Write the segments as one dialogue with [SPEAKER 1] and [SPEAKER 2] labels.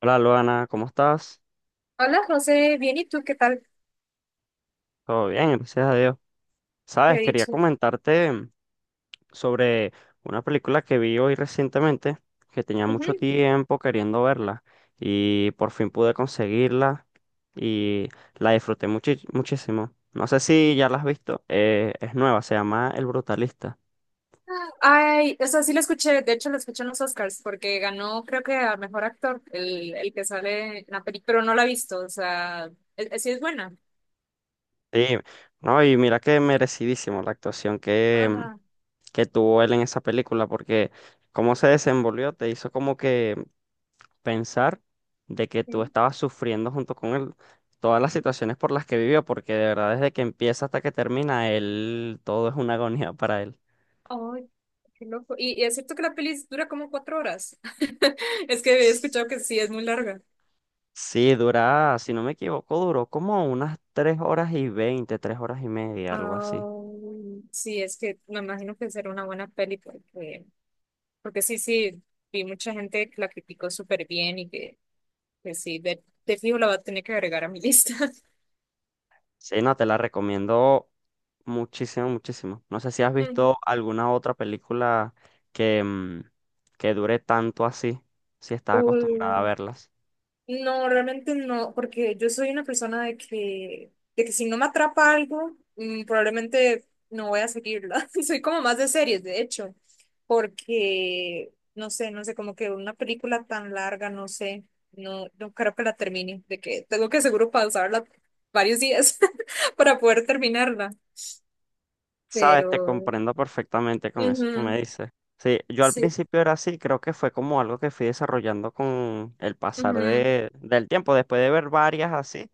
[SPEAKER 1] Hola Luana, ¿cómo estás?
[SPEAKER 2] Hola, José, bien, ¿y tú qué tal?
[SPEAKER 1] Todo bien, gracias a Dios.
[SPEAKER 2] ¿Qué he
[SPEAKER 1] Sabes, quería
[SPEAKER 2] dicho?
[SPEAKER 1] comentarte sobre una película que vi hoy recientemente, que tenía mucho
[SPEAKER 2] Ujú.
[SPEAKER 1] tiempo queriendo verla y por fin pude conseguirla y la disfruté muchísimo. No sé si ya la has visto, es nueva, se llama El Brutalista.
[SPEAKER 2] Ay, o sea, sí lo escuché, de hecho lo escuché en los Oscars, porque ganó creo que a mejor actor, el que sale en la película, pero no la he visto, o sea, sí es buena.
[SPEAKER 1] Sí, no, y mira que merecidísimo la actuación que,
[SPEAKER 2] Ajá.
[SPEAKER 1] que tuvo él en esa película, porque cómo se desenvolvió, te hizo como que pensar de que tú
[SPEAKER 2] Sí.
[SPEAKER 1] estabas sufriendo junto con él todas las situaciones por las que vivió, porque de verdad desde que empieza hasta que termina, él todo es una agonía para él.
[SPEAKER 2] Ay, qué loco. Y es cierto que la peli dura como cuatro horas. Es que he
[SPEAKER 1] S-
[SPEAKER 2] escuchado que sí es muy larga.
[SPEAKER 1] Sí, dura, si no me equivoco, duró como unas 3 horas y 20, 3 horas y media, algo así.
[SPEAKER 2] Ay, sí, es que me imagino que será una buena peli porque, porque sí, sí, vi mucha gente que la criticó súper bien y que... Pues sí, de fijo la va a tener que agregar a mi lista.
[SPEAKER 1] Sí, no, te la recomiendo muchísimo, muchísimo. No sé si has visto alguna otra película que, que dure tanto así, si estás acostumbrada a
[SPEAKER 2] Uy,
[SPEAKER 1] verlas.
[SPEAKER 2] no, realmente no, porque yo soy una persona de que si no me atrapa algo, probablemente no voy a seguirla. Soy como más de series, de hecho, porque, no sé, no sé, como que una película tan larga, no sé, no, no creo que la termine, de que tengo que seguro pausarla varios días para poder terminarla.
[SPEAKER 1] Sabes, te
[SPEAKER 2] Pero,
[SPEAKER 1] comprendo perfectamente con eso que me
[SPEAKER 2] ujú,
[SPEAKER 1] dices. Sí, yo al
[SPEAKER 2] sí,
[SPEAKER 1] principio era así, creo que fue como algo que fui desarrollando con el pasar
[SPEAKER 2] ujú,
[SPEAKER 1] de, del tiempo, después de ver varias así,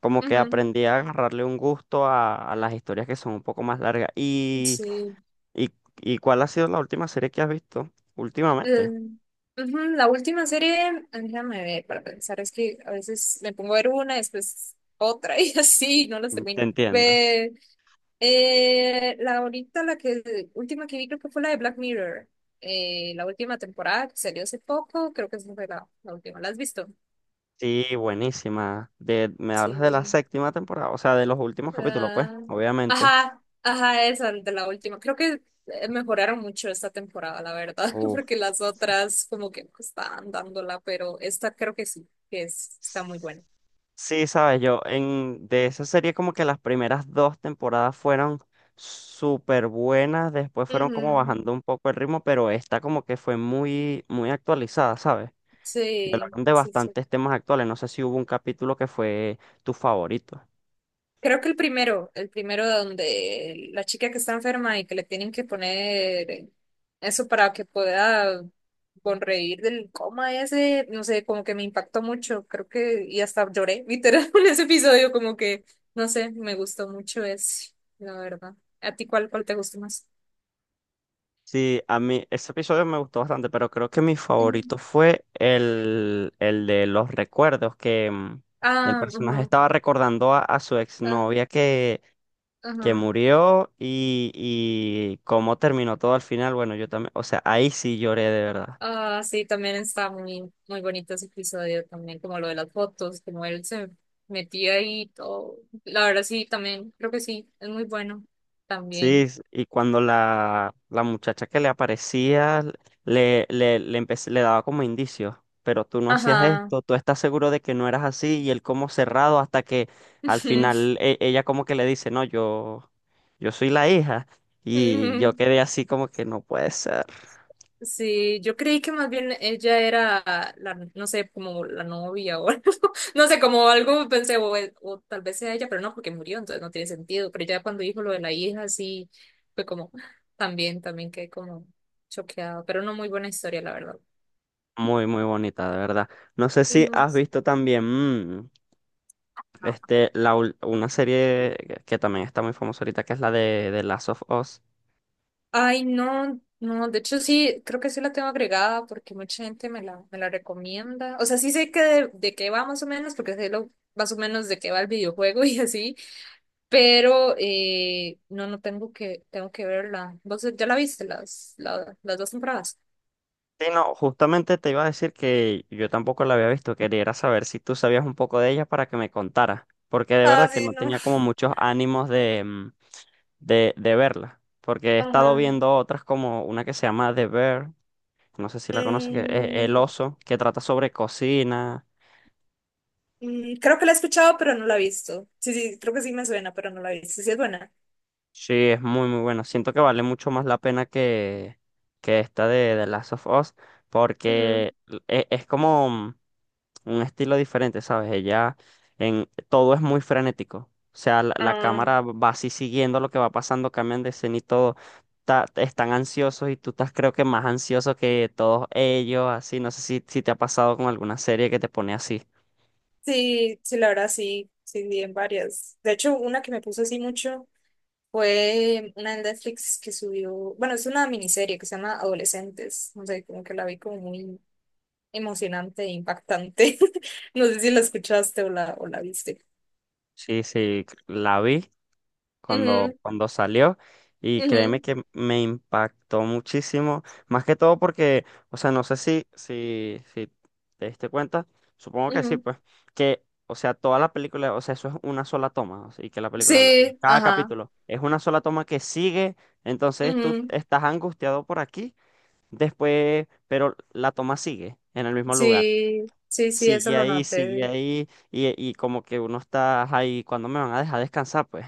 [SPEAKER 1] como que
[SPEAKER 2] ujú.
[SPEAKER 1] aprendí a agarrarle un gusto a las historias que son un poco más largas.
[SPEAKER 2] Sí.
[SPEAKER 1] Y, y cuál ha sido la última serie que has visto últimamente?
[SPEAKER 2] Mm, ujú, la última serie, déjame ver para pensar, es que a veces me pongo a ver una, después otra y así, no las
[SPEAKER 1] Te
[SPEAKER 2] termino.
[SPEAKER 1] entiendo.
[SPEAKER 2] Ve, la ahorita, la que última que vi creo que fue la de Black Mirror, la última temporada que salió hace poco, creo que esa fue la, la última. ¿La has visto?
[SPEAKER 1] Sí, buenísima. De, me hablas de la
[SPEAKER 2] Sí.
[SPEAKER 1] séptima temporada, o sea, de los últimos capítulos, pues,
[SPEAKER 2] Ah,
[SPEAKER 1] obviamente.
[SPEAKER 2] ajá, ajá, esa de la última. Creo que mejoraron mucho esta temporada, la verdad,
[SPEAKER 1] Uf.
[SPEAKER 2] porque las otras como que no estaban dándola, pero esta creo que sí, que es, está muy buena.
[SPEAKER 1] Sí, sabes, yo en de esa serie como que las primeras dos temporadas fueron súper buenas, después fueron como
[SPEAKER 2] Ujú.
[SPEAKER 1] bajando un poco el ritmo, pero esta como que fue muy, muy actualizada, ¿sabes? Y
[SPEAKER 2] Sí,
[SPEAKER 1] hablaron de
[SPEAKER 2] sí, sí.
[SPEAKER 1] bastantes temas actuales. No sé si hubo un capítulo que fue tu favorito.
[SPEAKER 2] Creo que el primero donde la chica que está enferma y que le tienen que poner eso para que pueda sonreír del coma ese, no sé, como que me impactó mucho, creo que y hasta lloré literal en ese episodio, como que, no sé, me gustó mucho ese, la verdad. ¿A ti cuál, cuál te gustó más?
[SPEAKER 1] Sí, a mí ese episodio me gustó bastante, pero creo que mi
[SPEAKER 2] Mm.
[SPEAKER 1] favorito fue el de los recuerdos, que el
[SPEAKER 2] Ah,
[SPEAKER 1] personaje
[SPEAKER 2] ajá,
[SPEAKER 1] estaba recordando a su
[SPEAKER 2] ah,
[SPEAKER 1] exnovia que
[SPEAKER 2] ajá.
[SPEAKER 1] murió y cómo terminó todo al final, bueno, yo también, o sea, ahí sí lloré de verdad.
[SPEAKER 2] Ah, sí, también está muy, muy bonito ese episodio también, como lo de las fotos, como él se metía ahí y todo. La verdad sí, también, creo que sí, es muy bueno
[SPEAKER 1] Sí,
[SPEAKER 2] también.
[SPEAKER 1] y cuando la muchacha que le aparecía le daba como indicios, pero tú no hacías
[SPEAKER 2] Ajá.
[SPEAKER 1] esto, tú estás seguro de que no eras así, y él como cerrado hasta que al final ella como que le dice, no, yo soy la hija. Y yo quedé así como que no puede ser.
[SPEAKER 2] Sí, yo creí que más bien ella era la, no sé, como la novia o algo. No sé, como algo pensé, o tal vez sea ella, pero no, porque murió, entonces no tiene sentido. Pero ya cuando dijo lo de la hija, sí, fue como, también, también quedé como choqueado, pero no, muy buena historia, la verdad.
[SPEAKER 1] Muy, muy bonita, de verdad. No sé si
[SPEAKER 2] Ujú.
[SPEAKER 1] has visto también. Este, la, una serie que también está muy famosa ahorita, que es la de Last of Us.
[SPEAKER 2] Ay, no, no, de hecho sí, creo que sí la tengo agregada porque mucha gente me la recomienda. O sea, sí sé que de qué va más o menos, porque sé lo, más o menos de qué va el videojuego y así, pero no, no tengo que, tengo que verla. ¿Vos ya la viste las, las dos temporadas?
[SPEAKER 1] Sí, no, justamente te iba a decir que yo tampoco la había visto. Quería era saber si tú sabías un poco de ella para que me contara. Porque de verdad
[SPEAKER 2] Ah,
[SPEAKER 1] que
[SPEAKER 2] sí,
[SPEAKER 1] no
[SPEAKER 2] no.
[SPEAKER 1] tenía como muchos ánimos de, de verla. Porque he estado
[SPEAKER 2] Ajá.
[SPEAKER 1] viendo otras como una que se llama The Bear, no sé si la conoces, que es El
[SPEAKER 2] Mm,
[SPEAKER 1] Oso, que trata sobre cocina.
[SPEAKER 2] creo que la he escuchado, pero no la he visto. Sí, sí, creo que sí me suena, pero no la he visto. Sí, es buena.
[SPEAKER 1] Sí, es muy muy bueno. Siento que vale mucho más la pena que esta de The Last of Us,
[SPEAKER 2] Ujú.
[SPEAKER 1] porque es, como un estilo diferente, ¿sabes? Ella en todo es muy frenético. O sea, la cámara va así siguiendo lo que va pasando, cambian de escena y todo. Están ansiosos y tú estás creo que más ansioso que todos ellos, así. No sé si, si te ha pasado con alguna serie que te pone así.
[SPEAKER 2] Sí, sí, la verdad sí, sí, vi en varias. De hecho, una que me puso así mucho fue una de Netflix que subió, bueno, es una miniserie que se llama Adolescentes, no sé, como que la vi como muy emocionante e impactante. No sé si la escuchaste o la viste.
[SPEAKER 1] Sí, sí, la vi cuando,
[SPEAKER 2] Ujú,
[SPEAKER 1] cuando salió y créeme
[SPEAKER 2] ujú,
[SPEAKER 1] que me impactó muchísimo, más que todo porque, o sea, no sé si, si, si te diste cuenta, supongo que sí,
[SPEAKER 2] ujú.
[SPEAKER 1] pues, que, o sea, toda la película, o sea, eso es una sola toma, o sea, y que la película,
[SPEAKER 2] Sí,
[SPEAKER 1] cada
[SPEAKER 2] ajá.
[SPEAKER 1] capítulo es una sola toma que sigue, entonces tú
[SPEAKER 2] Ujú.
[SPEAKER 1] estás angustiado por aquí, después, pero la toma sigue en el mismo lugar
[SPEAKER 2] Sí, sí, sí, eso lo
[SPEAKER 1] sigue
[SPEAKER 2] noté.
[SPEAKER 1] ahí, y como que uno está ahí, ¿cuándo me van a dejar descansar? Pues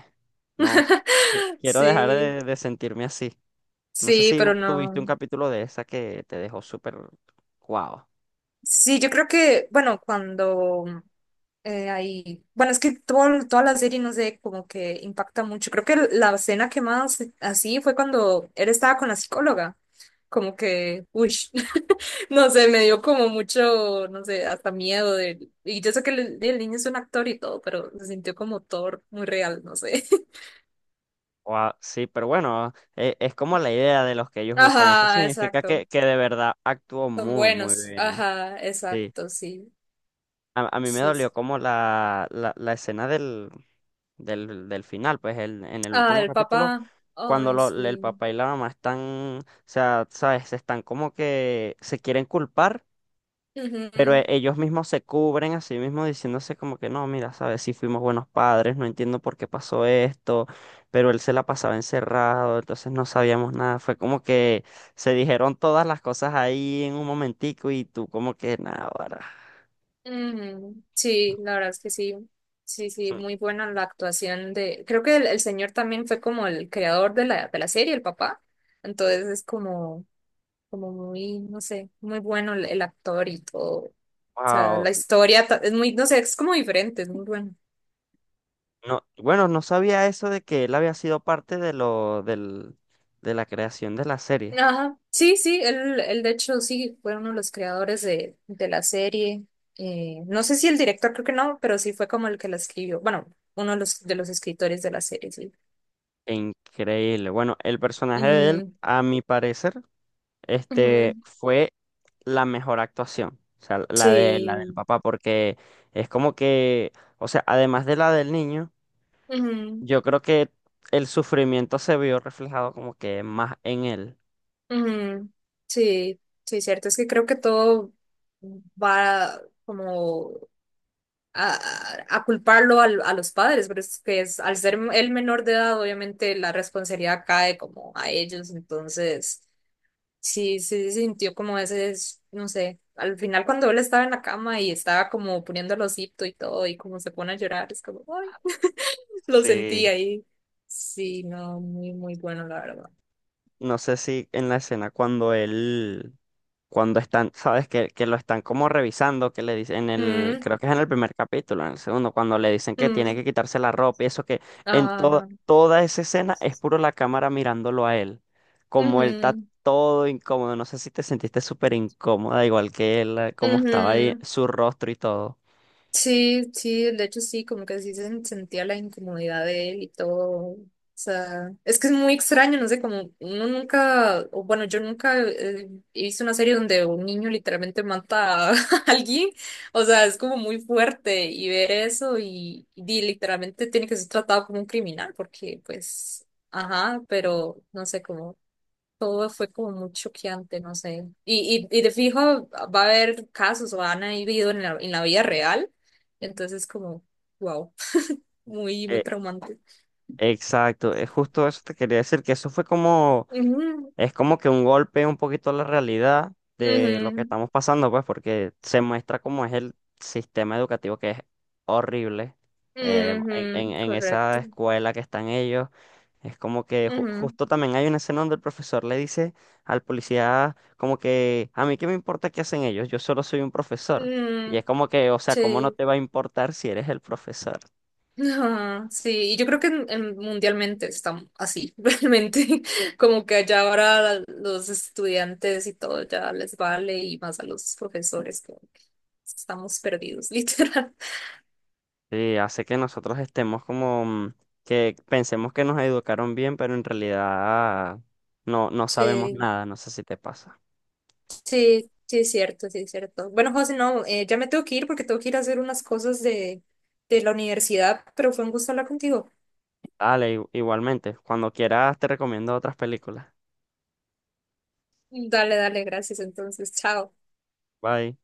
[SPEAKER 1] no, quiero dejar
[SPEAKER 2] Sí,
[SPEAKER 1] de sentirme así. No sé
[SPEAKER 2] sí,
[SPEAKER 1] si
[SPEAKER 2] pero
[SPEAKER 1] tuviste un
[SPEAKER 2] no.
[SPEAKER 1] capítulo de esa que te dejó súper guau.
[SPEAKER 2] Sí, yo creo que, bueno, cuando ahí. Bueno, es que toda la serie, no sé, como que impacta mucho. Creo que la escena que más así fue cuando él estaba con la psicóloga. Como que, uy, no sé, me dio como mucho, no sé, hasta miedo de... Y yo sé que el niño es un actor y todo, pero se sintió como Thor, muy real, no sé.
[SPEAKER 1] Guau, sí, pero bueno, es, como la idea de los que ellos buscan. Eso
[SPEAKER 2] Ajá,
[SPEAKER 1] significa
[SPEAKER 2] exacto.
[SPEAKER 1] que de verdad actuó
[SPEAKER 2] Son
[SPEAKER 1] muy, muy
[SPEAKER 2] buenos.
[SPEAKER 1] bien.
[SPEAKER 2] Ajá,
[SPEAKER 1] Sí.
[SPEAKER 2] exacto, sí.
[SPEAKER 1] A mí me
[SPEAKER 2] Sí. Sí.
[SPEAKER 1] dolió como la escena del, del, del final, pues en el
[SPEAKER 2] Ah,
[SPEAKER 1] último
[SPEAKER 2] el
[SPEAKER 1] capítulo,
[SPEAKER 2] papá.
[SPEAKER 1] cuando
[SPEAKER 2] Ay,
[SPEAKER 1] el
[SPEAKER 2] sí.
[SPEAKER 1] papá y la mamá están, o sea, sabes, se están como que se quieren culpar, pero
[SPEAKER 2] Ujú.
[SPEAKER 1] ellos mismos se cubren a sí mismos diciéndose como que no, mira, sabes, sí fuimos buenos padres, no entiendo por qué pasó esto, pero él se la pasaba encerrado, entonces no sabíamos nada, fue como que se dijeron todas las cosas ahí en un momentico y tú como que nada, ahora.
[SPEAKER 2] Ujú. Sí, la verdad es que sí, sí, sí, muy buena la actuación de, creo que el señor también fue como el creador de la serie, el papá, entonces es como, como muy, no sé, muy bueno el actor y todo, o sea,
[SPEAKER 1] Wow.
[SPEAKER 2] la historia es muy, no sé, es como diferente, es muy bueno.
[SPEAKER 1] No, bueno, no sabía eso de que él había sido parte de lo, del, de la creación de la serie.
[SPEAKER 2] Ajá, sí, sí, él de hecho sí fue uno de los creadores de la serie, no sé si el director, creo que no, pero sí fue como el que la escribió, bueno, uno de los escritores de la serie, sí.
[SPEAKER 1] Increíble. Bueno, el personaje de él,
[SPEAKER 2] Mm,
[SPEAKER 1] a mi parecer,
[SPEAKER 2] ujú.
[SPEAKER 1] este, fue la mejor actuación. O sea, la de la del
[SPEAKER 2] Sí,
[SPEAKER 1] papá, porque es como que, o sea, además de la del niño,
[SPEAKER 2] ujú,
[SPEAKER 1] yo creo que el sufrimiento se vio reflejado como que más en él.
[SPEAKER 2] ujú. Sí, sí, cierto. Es que creo que todo va como a, a culparlo a los padres, pero es que es, al ser el menor de edad, obviamente la responsabilidad cae como a ellos. Entonces, sí, sí se sintió como ese, no sé, al final cuando él estaba en la cama y estaba como poniendo el osito y todo, y como se pone a llorar, es como, ay, lo sentí
[SPEAKER 1] Sí.
[SPEAKER 2] ahí. Sí, no, muy, muy bueno, la verdad.
[SPEAKER 1] No sé si en la escena cuando él, cuando están, sabes que lo están como revisando, que le dicen en el,
[SPEAKER 2] Mm,
[SPEAKER 1] creo que es en el primer capítulo, en el segundo, cuando le dicen que tiene
[SPEAKER 2] mm.
[SPEAKER 1] que quitarse la ropa y eso que en toda,
[SPEAKER 2] Ajá.
[SPEAKER 1] toda esa escena es puro la cámara mirándolo a él, como él está
[SPEAKER 2] Ujú,
[SPEAKER 1] todo incómodo, no sé si te sentiste súper incómoda, igual que él, como estaba ahí,
[SPEAKER 2] ujú.
[SPEAKER 1] su rostro y todo.
[SPEAKER 2] Sí, sí, de hecho sí, como que sí se sentía la incomodidad de él y todo. O sea, es que es muy extraño, no sé, como uno nunca, o bueno, yo nunca hice una serie donde un niño literalmente mata a alguien. O sea, es como muy fuerte y ver eso y literalmente tiene que ser tratado como un criminal porque pues, ajá, pero no sé, todo fue como muy choqueante, no sé. Y de fijo va a haber casos o han habido en la vida real. Entonces, como, wow, muy, muy
[SPEAKER 1] Eh,
[SPEAKER 2] traumante.
[SPEAKER 1] exacto, es justo eso te quería decir, que eso fue como
[SPEAKER 2] Ujú,
[SPEAKER 1] Es como que un golpe un poquito a la realidad de lo que
[SPEAKER 2] ujú,
[SPEAKER 1] estamos pasando, pues, porque se muestra cómo es el sistema educativo que es horrible. En,
[SPEAKER 2] ujú,
[SPEAKER 1] en esa
[SPEAKER 2] correcto.
[SPEAKER 1] escuela que están ellos, es como que
[SPEAKER 2] Ujú,
[SPEAKER 1] justo también hay una escena donde el profesor le dice al policía como que a mí qué me importa qué hacen ellos, yo solo soy un profesor. Y
[SPEAKER 2] mm,
[SPEAKER 1] es como que, o sea, ¿cómo no
[SPEAKER 2] sí.
[SPEAKER 1] te va a importar si eres el profesor?
[SPEAKER 2] Ajá, sí, y yo creo que mundialmente están así, realmente, como que allá ahora los estudiantes y todo ya les vale y más a los profesores, como que estamos perdidos, literal.
[SPEAKER 1] Sí, hace que nosotros estemos como que pensemos que nos educaron bien, pero en realidad no, no sabemos
[SPEAKER 2] Sí,
[SPEAKER 1] nada. No sé si te pasa.
[SPEAKER 2] sí, sí, es cierto, sí, es cierto. Bueno, José, no, ya me tengo que ir porque tengo que ir a hacer unas cosas de la universidad, pero fue un gusto hablar contigo.
[SPEAKER 1] Dale, igualmente. Cuando quieras te recomiendo otras películas.
[SPEAKER 2] Dale, dale, gracias. Entonces, chao.
[SPEAKER 1] Bye.